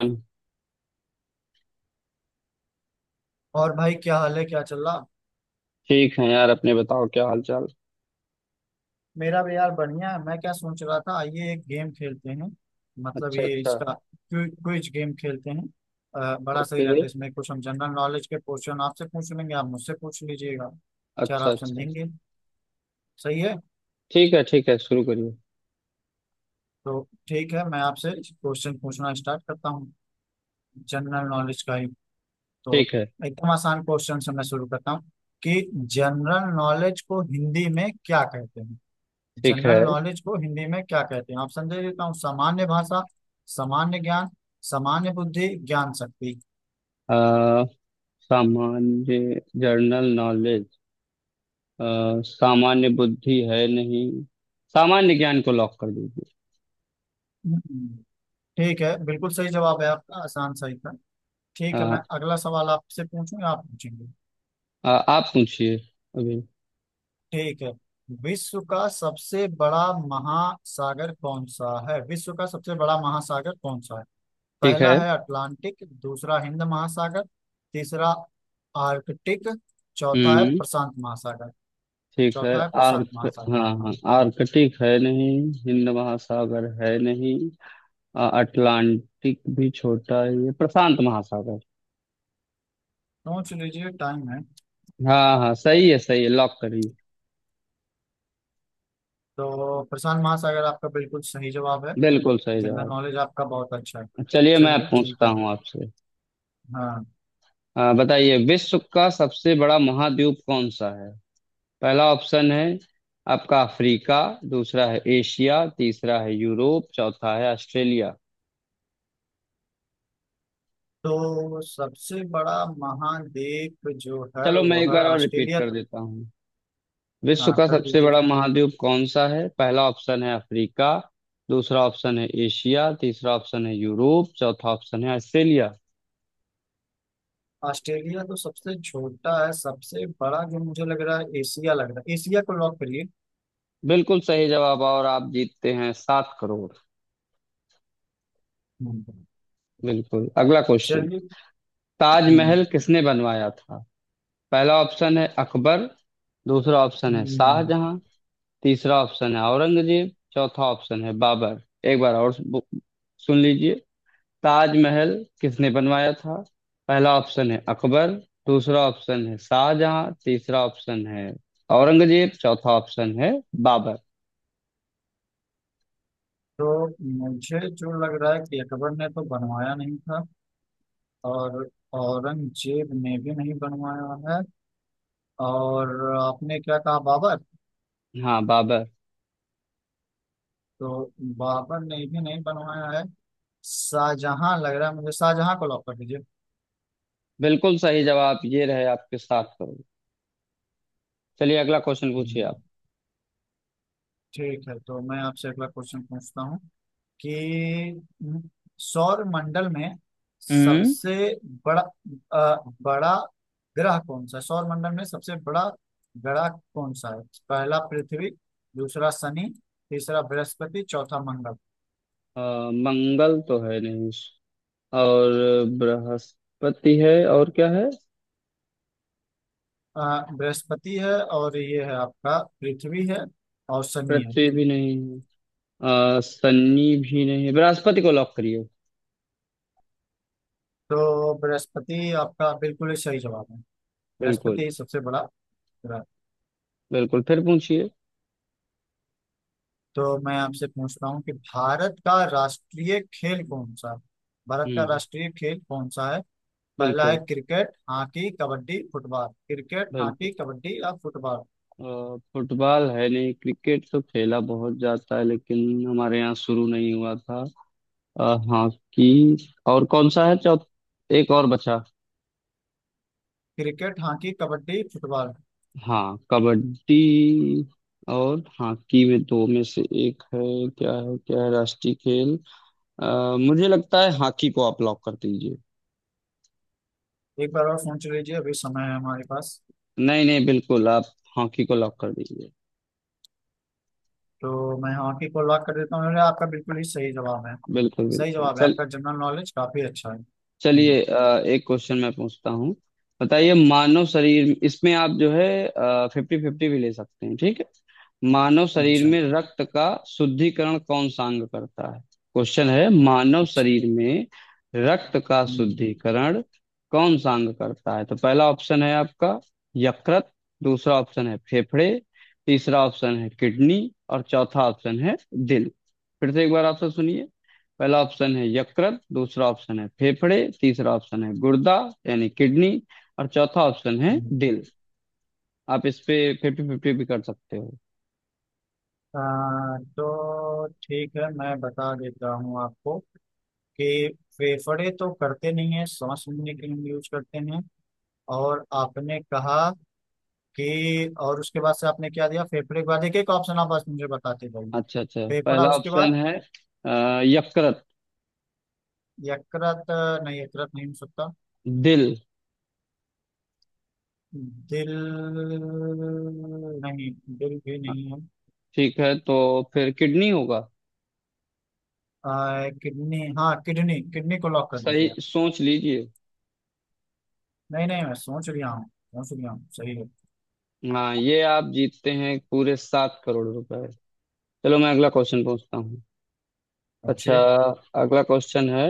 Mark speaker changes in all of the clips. Speaker 1: ठीक
Speaker 2: और भाई, क्या हाल है? क्या चल रहा?
Speaker 1: है यार अपने बताओ क्या हाल चाल।
Speaker 2: मेरा भी यार बढ़िया है। मैं क्या सोच रहा था, आइए एक गेम खेलते हैं। मतलब
Speaker 1: अच्छा
Speaker 2: ये
Speaker 1: अच्छा।
Speaker 2: इसका क्विज गेम खेलते हैं। बड़ा सही
Speaker 1: ओके।
Speaker 2: रहता है। इसमें कुछ हम जनरल नॉलेज के क्वेश्चन आपसे पूछ लेंगे, आप मुझसे पूछ लीजिएगा। चार
Speaker 1: अच्छा
Speaker 2: ऑप्शन
Speaker 1: अच्छा।
Speaker 2: देंगे। सही है?
Speaker 1: ठीक है शुरू करिए।
Speaker 2: तो ठीक है, मैं आपसे क्वेश्चन पूछना स्टार्ट करता हूँ। जनरल नॉलेज का ही। तो
Speaker 1: ठीक है
Speaker 2: एकदम आसान क्वेश्चन से मैं शुरू करता हूँ कि जनरल नॉलेज को हिंदी में क्या कहते हैं?
Speaker 1: ठीक
Speaker 2: जनरल
Speaker 1: है।
Speaker 2: नॉलेज को हिंदी में क्या कहते हैं? ऑप्शन दे देता हूँ। सामान्य भाषा, सामान्य ज्ञान, सामान्य बुद्धि, ज्ञान शक्ति।
Speaker 1: आ, सामान्य जर्नल नॉलेज। सामान्य बुद्धि है नहीं। सामान्य ज्ञान को लॉक कर दीजिए।
Speaker 2: हम्म। ठीक है, बिल्कुल सही जवाब है आपका। आसान सही था। ठीक है, मैं
Speaker 1: अ,
Speaker 2: अगला सवाल आपसे पूछूं या आप पूछेंगे?
Speaker 1: आप पूछिए अभी।
Speaker 2: ठीक है। विश्व का सबसे बड़ा महासागर कौन सा है? विश्व का सबसे बड़ा महासागर कौन सा है?
Speaker 1: ठीक
Speaker 2: पहला
Speaker 1: है।
Speaker 2: है अटलांटिक, दूसरा हिंद महासागर, तीसरा आर्कटिक, चौथा है
Speaker 1: हम्म।
Speaker 2: प्रशांत महासागर।
Speaker 1: ठीक है।
Speaker 2: चौथा है प्रशांत
Speaker 1: आर्क
Speaker 2: महासागर।
Speaker 1: हाँ
Speaker 2: हाँ,
Speaker 1: हाँ आर्कटिक है नहीं। हिंद महासागर है नहीं। अटलांटिक भी छोटा है ये प्रशांत महासागर।
Speaker 2: सोच लीजिए, टाइम है।
Speaker 1: हाँ हाँ सही है लॉक करिए।
Speaker 2: तो प्रशांत महासागर आपका बिल्कुल सही जवाब है।
Speaker 1: बिल्कुल सही
Speaker 2: जनरल
Speaker 1: जवाब।
Speaker 2: नॉलेज आपका बहुत अच्छा है।
Speaker 1: चलिए मैं
Speaker 2: चलिए, ठीक
Speaker 1: पूछता
Speaker 2: है।
Speaker 1: हूँ आपसे।
Speaker 2: हाँ।
Speaker 1: बताइए विश्व का सबसे बड़ा महाद्वीप कौन सा है? पहला ऑप्शन है आपका अफ्रीका। दूसरा है एशिया तीसरा है यूरोप चौथा है ऑस्ट्रेलिया।
Speaker 2: तो सबसे बड़ा महाद्वीप जो है,
Speaker 1: चलो मैं
Speaker 2: वो
Speaker 1: एक
Speaker 2: है
Speaker 1: बार और रिपीट
Speaker 2: ऑस्ट्रेलिया,
Speaker 1: कर
Speaker 2: तो।
Speaker 1: देता हूँ। विश्व
Speaker 2: हाँ,
Speaker 1: का
Speaker 2: कर
Speaker 1: सबसे
Speaker 2: दीजिए।
Speaker 1: बड़ा महाद्वीप कौन सा है? पहला ऑप्शन है अफ्रीका दूसरा ऑप्शन है एशिया तीसरा ऑप्शन है यूरोप चौथा ऑप्शन है ऑस्ट्रेलिया।
Speaker 2: ऑस्ट्रेलिया तो सबसे छोटा है, सबसे बड़ा जो मुझे लग रहा है, एशिया लग रहा है। एशिया को लॉक करिए।
Speaker 1: बिल्कुल सही जवाब, और आप जीतते हैं 7 करोड़।
Speaker 2: हम्म।
Speaker 1: बिल्कुल। अगला क्वेश्चन।
Speaker 2: चलिए।
Speaker 1: ताजमहल
Speaker 2: हम्म।
Speaker 1: किसने बनवाया था? पहला ऑप्शन है अकबर। दूसरा ऑप्शन है
Speaker 2: हम्म।
Speaker 1: शाहजहां। तीसरा ऑप्शन है औरंगजेब चौथा ऑप्शन है बाबर। एक बार और सुन लीजिए। ताजमहल किसने बनवाया था? पहला ऑप्शन है अकबर। दूसरा ऑप्शन है शाहजहां तीसरा ऑप्शन है औरंगजेब चौथा ऑप्शन है बाबर।
Speaker 2: तो मुझे जो लग रहा है कि अकबर ने तो बनवाया नहीं था, और औरंगजेब ने भी नहीं बनवाया है, और आपने क्या कहा, बाबर?
Speaker 1: हाँ बाबर।
Speaker 2: तो बाबर ने भी नहीं बनवाया है। शाहजहां लग रहा है मुझे, शाहजहां को लॉक कर दीजिए।
Speaker 1: बिल्कुल सही जवाब, ये रहे आपके साथ करोगे। चलिए अगला क्वेश्चन पूछिए।
Speaker 2: हम्म। ठीक है, तो मैं आपसे अगला क्वेश्चन पूछता हूँ कि सौर मंडल में
Speaker 1: आप।
Speaker 2: सबसे बड़ा अ, बड़ा ग्रह कौन सा है? सौर मंडल में सबसे बड़ा ग्रह कौन सा है? पहला पृथ्वी, दूसरा शनि, तीसरा बृहस्पति, चौथा मंगल।
Speaker 1: अ, मंगल तो है नहीं। और बृहस्पति है और क्या है?
Speaker 2: बृहस्पति है, और ये है आपका, पृथ्वी है, और शनि है।
Speaker 1: पृथ्वी भी नहीं है। शनि भी नहीं है, बृहस्पति को लॉक करिए।
Speaker 2: तो बृहस्पति आपका बिल्कुल ही सही जवाब है। बृहस्पति
Speaker 1: बिल्कुल।
Speaker 2: ही सबसे बड़ा ग्रह है।
Speaker 1: बिल्कुल फिर पूछिए।
Speaker 2: तो मैं आपसे पूछता हूँ कि भारत का राष्ट्रीय खेल कौन सा है? भारत का
Speaker 1: हम्म।
Speaker 2: राष्ट्रीय खेल कौन सा है? पहला है
Speaker 1: बिल्कुल।
Speaker 2: Cricket, hockey, kabaddi, football. Cricket,
Speaker 1: बिल्कुल।
Speaker 2: हॉकी, कबड्डी या फुटबॉल?
Speaker 1: फुटबॉल है नहीं, क्रिकेट तो खेला बहुत जाता है लेकिन हमारे यहाँ शुरू नहीं हुआ था। अ, हॉकी। और कौन सा है चौथ एक और बचा।
Speaker 2: Cricket, hockey, kabaddi, football.
Speaker 1: हाँ कबड्डी। और हॉकी में दो में से एक है। क्या है क्या है राष्ट्रीय खेल? मुझे लगता है हॉकी को आप लॉक कर दीजिए।
Speaker 2: एक बार और फोन चल लीजिए, अभी समय है हमारे पास।
Speaker 1: नहीं नहीं, बिल्कुल आप हॉकी को लॉक कर दीजिए।
Speaker 2: तो मैं हाँ की को लॉक कर देता हूँ। उन्होंने आपका बिल्कुल ही सही जवाब है।
Speaker 1: बिल्कुल
Speaker 2: सही
Speaker 1: बिल्कुल
Speaker 2: जवाब है
Speaker 1: चल।
Speaker 2: आपका, जनरल नॉलेज काफी अच्छा है। हम्म।
Speaker 1: चलिए एक क्वेश्चन मैं पूछता हूँ। बताइए मानव शरीर, इसमें आप जो है फिफ्टी फिफ्टी भी ले सकते हैं, ठीक है। मानव शरीर
Speaker 2: अच्छा,
Speaker 1: में रक्त का शुद्धिकरण कौन सा अंग करता है? क्वेश्चन है मानव
Speaker 2: अच्छा।
Speaker 1: शरीर में रक्त का
Speaker 2: हम्म।
Speaker 1: शुद्धिकरण कौन सा अंग करता है? तो पहला ऑप्शन है आपका यकृत। दूसरा ऑप्शन है फेफड़े। तीसरा ऑप्शन है किडनी। और चौथा ऑप्शन है दिल। फिर से एक बार ऑप्शन सुनिए। पहला ऑप्शन है यकृत दूसरा ऑप्शन है फेफड़े तीसरा ऑप्शन है गुर्दा यानी किडनी और चौथा ऑप्शन है
Speaker 2: हम्म।
Speaker 1: दिल। आप इस पे फिफ्टी फिफ्टी भी कर सकते हो।
Speaker 2: तो ठीक है, मैं बता देता हूँ आपको कि फेफड़े तो करते नहीं है, सांस लेने के लिए यूज करते हैं। और आपने कहा कि, और उसके बाद से आपने क्या दिया? फेफड़े के बाद एक एक ऑप्शन आप बस मुझे बताते जाइए।
Speaker 1: अच्छा अच्छा,
Speaker 2: फेफड़ा,
Speaker 1: पहला
Speaker 2: उसके
Speaker 1: ऑप्शन
Speaker 2: बाद?
Speaker 1: है यकृत,
Speaker 2: यकृत नहीं, यकृत नहीं हो सकता।
Speaker 1: दिल।
Speaker 2: दिल? नहीं, दिल भी नहीं है।
Speaker 1: ठीक है, तो फिर किडनी होगा।
Speaker 2: किडनी, हाँ किडनी, किडनी को लॉक कर
Speaker 1: सही
Speaker 2: दीजिए आप।
Speaker 1: सोच लीजिए।
Speaker 2: नहीं नहीं, मैं सोच रहा हूँ। सोच रहा हूँ, सही है।
Speaker 1: हाँ, ये आप जीतते हैं पूरे 7 करोड़ रुपए। चलो मैं अगला क्वेश्चन पूछता हूँ। अच्छा।
Speaker 2: जी।
Speaker 1: अगला क्वेश्चन है,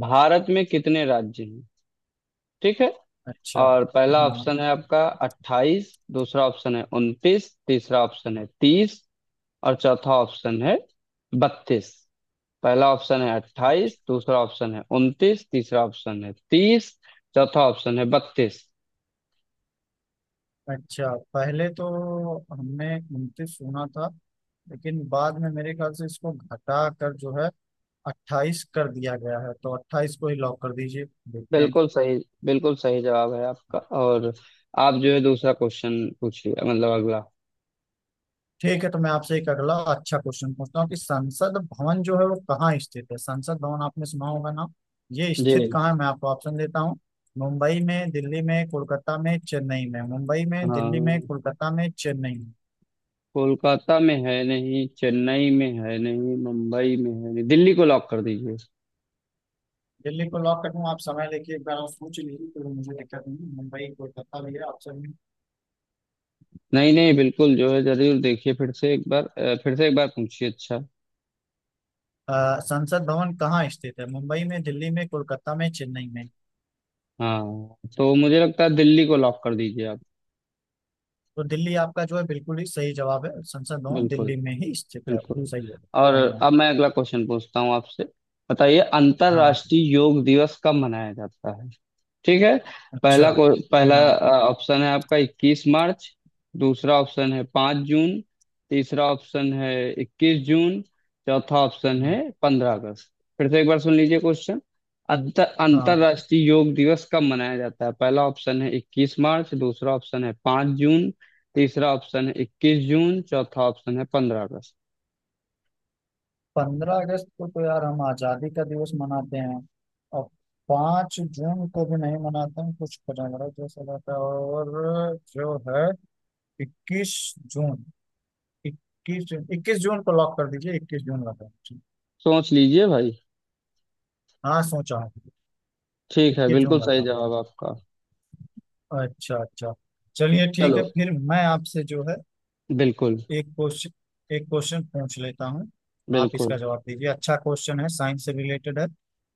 Speaker 1: भारत में कितने राज्य हैं? ठीक है।
Speaker 2: अच्छा।
Speaker 1: और पहला
Speaker 2: हाँ।
Speaker 1: ऑप्शन है आपका 28 दूसरा ऑप्शन है 29 तीसरा ऑप्शन है 30 और चौथा ऑप्शन है 32। पहला ऑप्शन है 28 दूसरा ऑप्शन है उनतीस तीसरा ऑप्शन है तीस चौथा ऑप्शन है बत्तीस।
Speaker 2: अच्छा, पहले तो हमने 29 सुना था, लेकिन बाद में मेरे ख्याल से इसको घटा कर जो है, 28 कर दिया गया है। तो 28 को ही लॉक कर दीजिए, देखते हैं।
Speaker 1: बिल्कुल सही। बिल्कुल सही जवाब है आपका, और आप जो है दूसरा क्वेश्चन पूछिए, मतलब अगला।
Speaker 2: ठीक है, तो मैं आपसे एक अगला अच्छा क्वेश्चन पूछता हूँ कि संसद भवन जो है वो कहाँ स्थित है? संसद भवन आपने सुना होगा ना? ये
Speaker 1: जी।
Speaker 2: स्थित कहाँ है? मैं आपको ऑप्शन देता हूँ। मुंबई में, दिल्ली में, कोलकाता में, चेन्नई में? मुंबई में, दिल्ली में,
Speaker 1: हाँ,
Speaker 2: कोलकाता में, चेन्नई में?
Speaker 1: कोलकाता में है नहीं, चेन्नई में है नहीं, मुंबई में है नहीं, दिल्ली को लॉक कर दीजिए।
Speaker 2: दिल्ली को लॉक कर दूं? आप समय लेके एक बार और सोच लीजिए, तो मुझे दिक्कत नहीं है। मुंबई, कोलकाता भी है ऑप्शन में।
Speaker 1: नहीं नहीं, बिल्कुल जो है, जरूर देखिए, फिर से एक बार अ, फिर से एक बार पूछिए अच्छा।
Speaker 2: संसद भवन कहाँ स्थित है? मुंबई में, दिल्ली में, कोलकाता में, चेन्नई में?
Speaker 1: हाँ, तो मुझे लगता है दिल्ली को लॉक कर दीजिए आप।
Speaker 2: तो दिल्ली आपका जो है बिल्कुल ही सही जवाब है। संसद भवन
Speaker 1: बिल्कुल।
Speaker 2: दिल्ली में ही स्थित है।
Speaker 1: बिल्कुल।
Speaker 2: सही है।
Speaker 1: और
Speaker 2: बढ़िया।
Speaker 1: अब मैं अगला क्वेश्चन पूछता हूँ आपसे। बताइए
Speaker 2: हाँ।
Speaker 1: अंतर्राष्ट्रीय योग दिवस कब मनाया जाता है? ठीक है।
Speaker 2: अच्छा।
Speaker 1: पहला
Speaker 2: हाँ।
Speaker 1: ऑप्शन है आपका 21 मार्च। दूसरा ऑप्शन है 5 जून। तीसरा ऑप्शन है 21 जून। चौथा ऑप्शन है
Speaker 2: हम्म।
Speaker 1: 15 अगस्त। फिर से एक बार सुन लीजिए क्वेश्चन।
Speaker 2: हाँ।
Speaker 1: अंतर्राष्ट्रीय योग दिवस कब मनाया जाता है? पहला ऑप्शन है 21 मार्च दूसरा ऑप्शन है पाँच जून तीसरा ऑप्शन है इक्कीस जून चौथा ऑप्शन है पंद्रह अगस्त।
Speaker 2: 15 अगस्त को तो यार हम आज़ादी का दिवस मनाते हैं, और 5 जून को भी नहीं मनाते हैं, कुछ पंद्रह जैसा रहता है। और जो है, 21 जून। 21 जून, 21 जून को लॉक कर दीजिए। 21 जून लगा मुझे।
Speaker 1: सोच लीजिए भाई।
Speaker 2: हाँ, सोचा हूँ।
Speaker 1: ठीक है,
Speaker 2: इक्कीस
Speaker 1: बिल्कुल
Speaker 2: जून
Speaker 1: सही
Speaker 2: लगा मुझे।
Speaker 1: जवाब आपका।
Speaker 2: अच्छा, अच्छा। चलिए ठीक
Speaker 1: चलो।
Speaker 2: है, फिर मैं आपसे जो है
Speaker 1: बिल्कुल
Speaker 2: एक क्वेश्चन, एक क्वेश्चन पूछ लेता हूँ। आप
Speaker 1: बिल्कुल।
Speaker 2: इसका जवाब दीजिए। अच्छा क्वेश्चन है, साइंस से रिलेटेड है।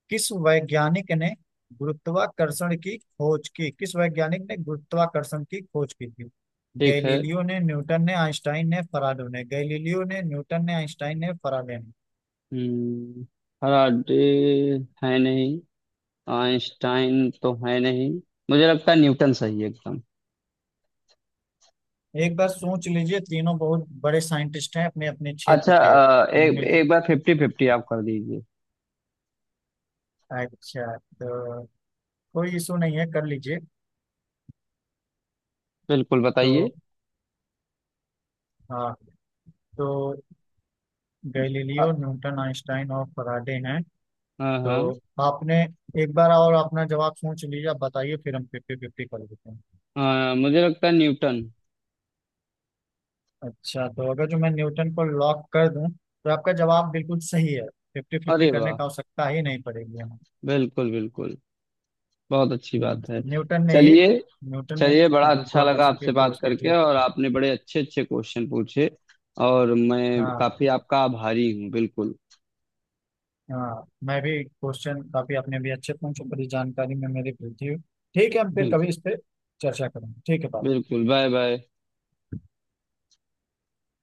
Speaker 2: किस वैज्ञानिक ने गुरुत्वाकर्षण की खोज की? किस वैज्ञानिक ने गुरुत्वाकर्षण की खोज की थी?
Speaker 1: ठीक है।
Speaker 2: गैलीलियो ने, न्यूटन ने, आइंस्टाइन ने, फराडे ने? गैलीलियो ने, न्यूटन ने, आइंस्टाइन ने, फराडे ने?
Speaker 1: हम्म। फैराडे है नहीं। आइंस्टाइन तो है नहीं। मुझे लगता है न्यूटन सही है एकदम।
Speaker 2: एक बार सोच लीजिए, तीनों बहुत बड़े साइंटिस्ट हैं अपने अपने क्षेत्र
Speaker 1: अच्छा
Speaker 2: के।
Speaker 1: एक
Speaker 2: मिल,
Speaker 1: एक बार फिफ्टी फिफ्टी आप कर दीजिए।
Speaker 2: अच्छा, तो कोई इशू नहीं है, कर लीजिए।
Speaker 1: बिल्कुल बताइए।
Speaker 2: तो हाँ, तो
Speaker 1: अ,
Speaker 2: गैलीलियो, न्यूटन, आइंस्टाइन और फराडे हैं।
Speaker 1: हाँ
Speaker 2: तो
Speaker 1: हाँ।
Speaker 2: आपने, एक बार और अपना जवाब सोच लीजिए, आप बताइए, फिर हम फिफ्टी फिफ्टी कर लेते हैं।
Speaker 1: हाँ, मुझे लगता है न्यूटन।
Speaker 2: अच्छा, तो अगर जो मैं न्यूटन को लॉक कर दूं, तो आपका जवाब बिल्कुल सही है। फिफ्टी फिफ्टी
Speaker 1: अरे
Speaker 2: करने
Speaker 1: वाह।
Speaker 2: का आवश्यकता ही नहीं पड़ेगी हमें।
Speaker 1: बिल्कुल बिल्कुल। बहुत अच्छी
Speaker 2: हम्म।
Speaker 1: बात है।
Speaker 2: न्यूटन ने ही,
Speaker 1: चलिए।
Speaker 2: न्यूटन ने
Speaker 1: चलिए, बड़ा अच्छा लगा
Speaker 2: गुरुत्वाकर्षण
Speaker 1: आपसे
Speaker 2: की
Speaker 1: बात
Speaker 2: खोज की
Speaker 1: करके
Speaker 2: थी।
Speaker 1: और आपने बड़े अच्छे अच्छे क्वेश्चन पूछे। और मैं
Speaker 2: हाँ,
Speaker 1: काफी आपका आभारी हूँ। बिल्कुल।
Speaker 2: हाँ, मैं भी क्वेश्चन, काफी आपने भी अच्छे पूछे, बड़ी जानकारी में मेरी वृद्धि हुई। ठीक है, हम फिर कभी
Speaker 1: बिल्कुल
Speaker 2: इस पे चर्चा करेंगे। ठीक है, बाय।
Speaker 1: बिल्कुल बाय बाय।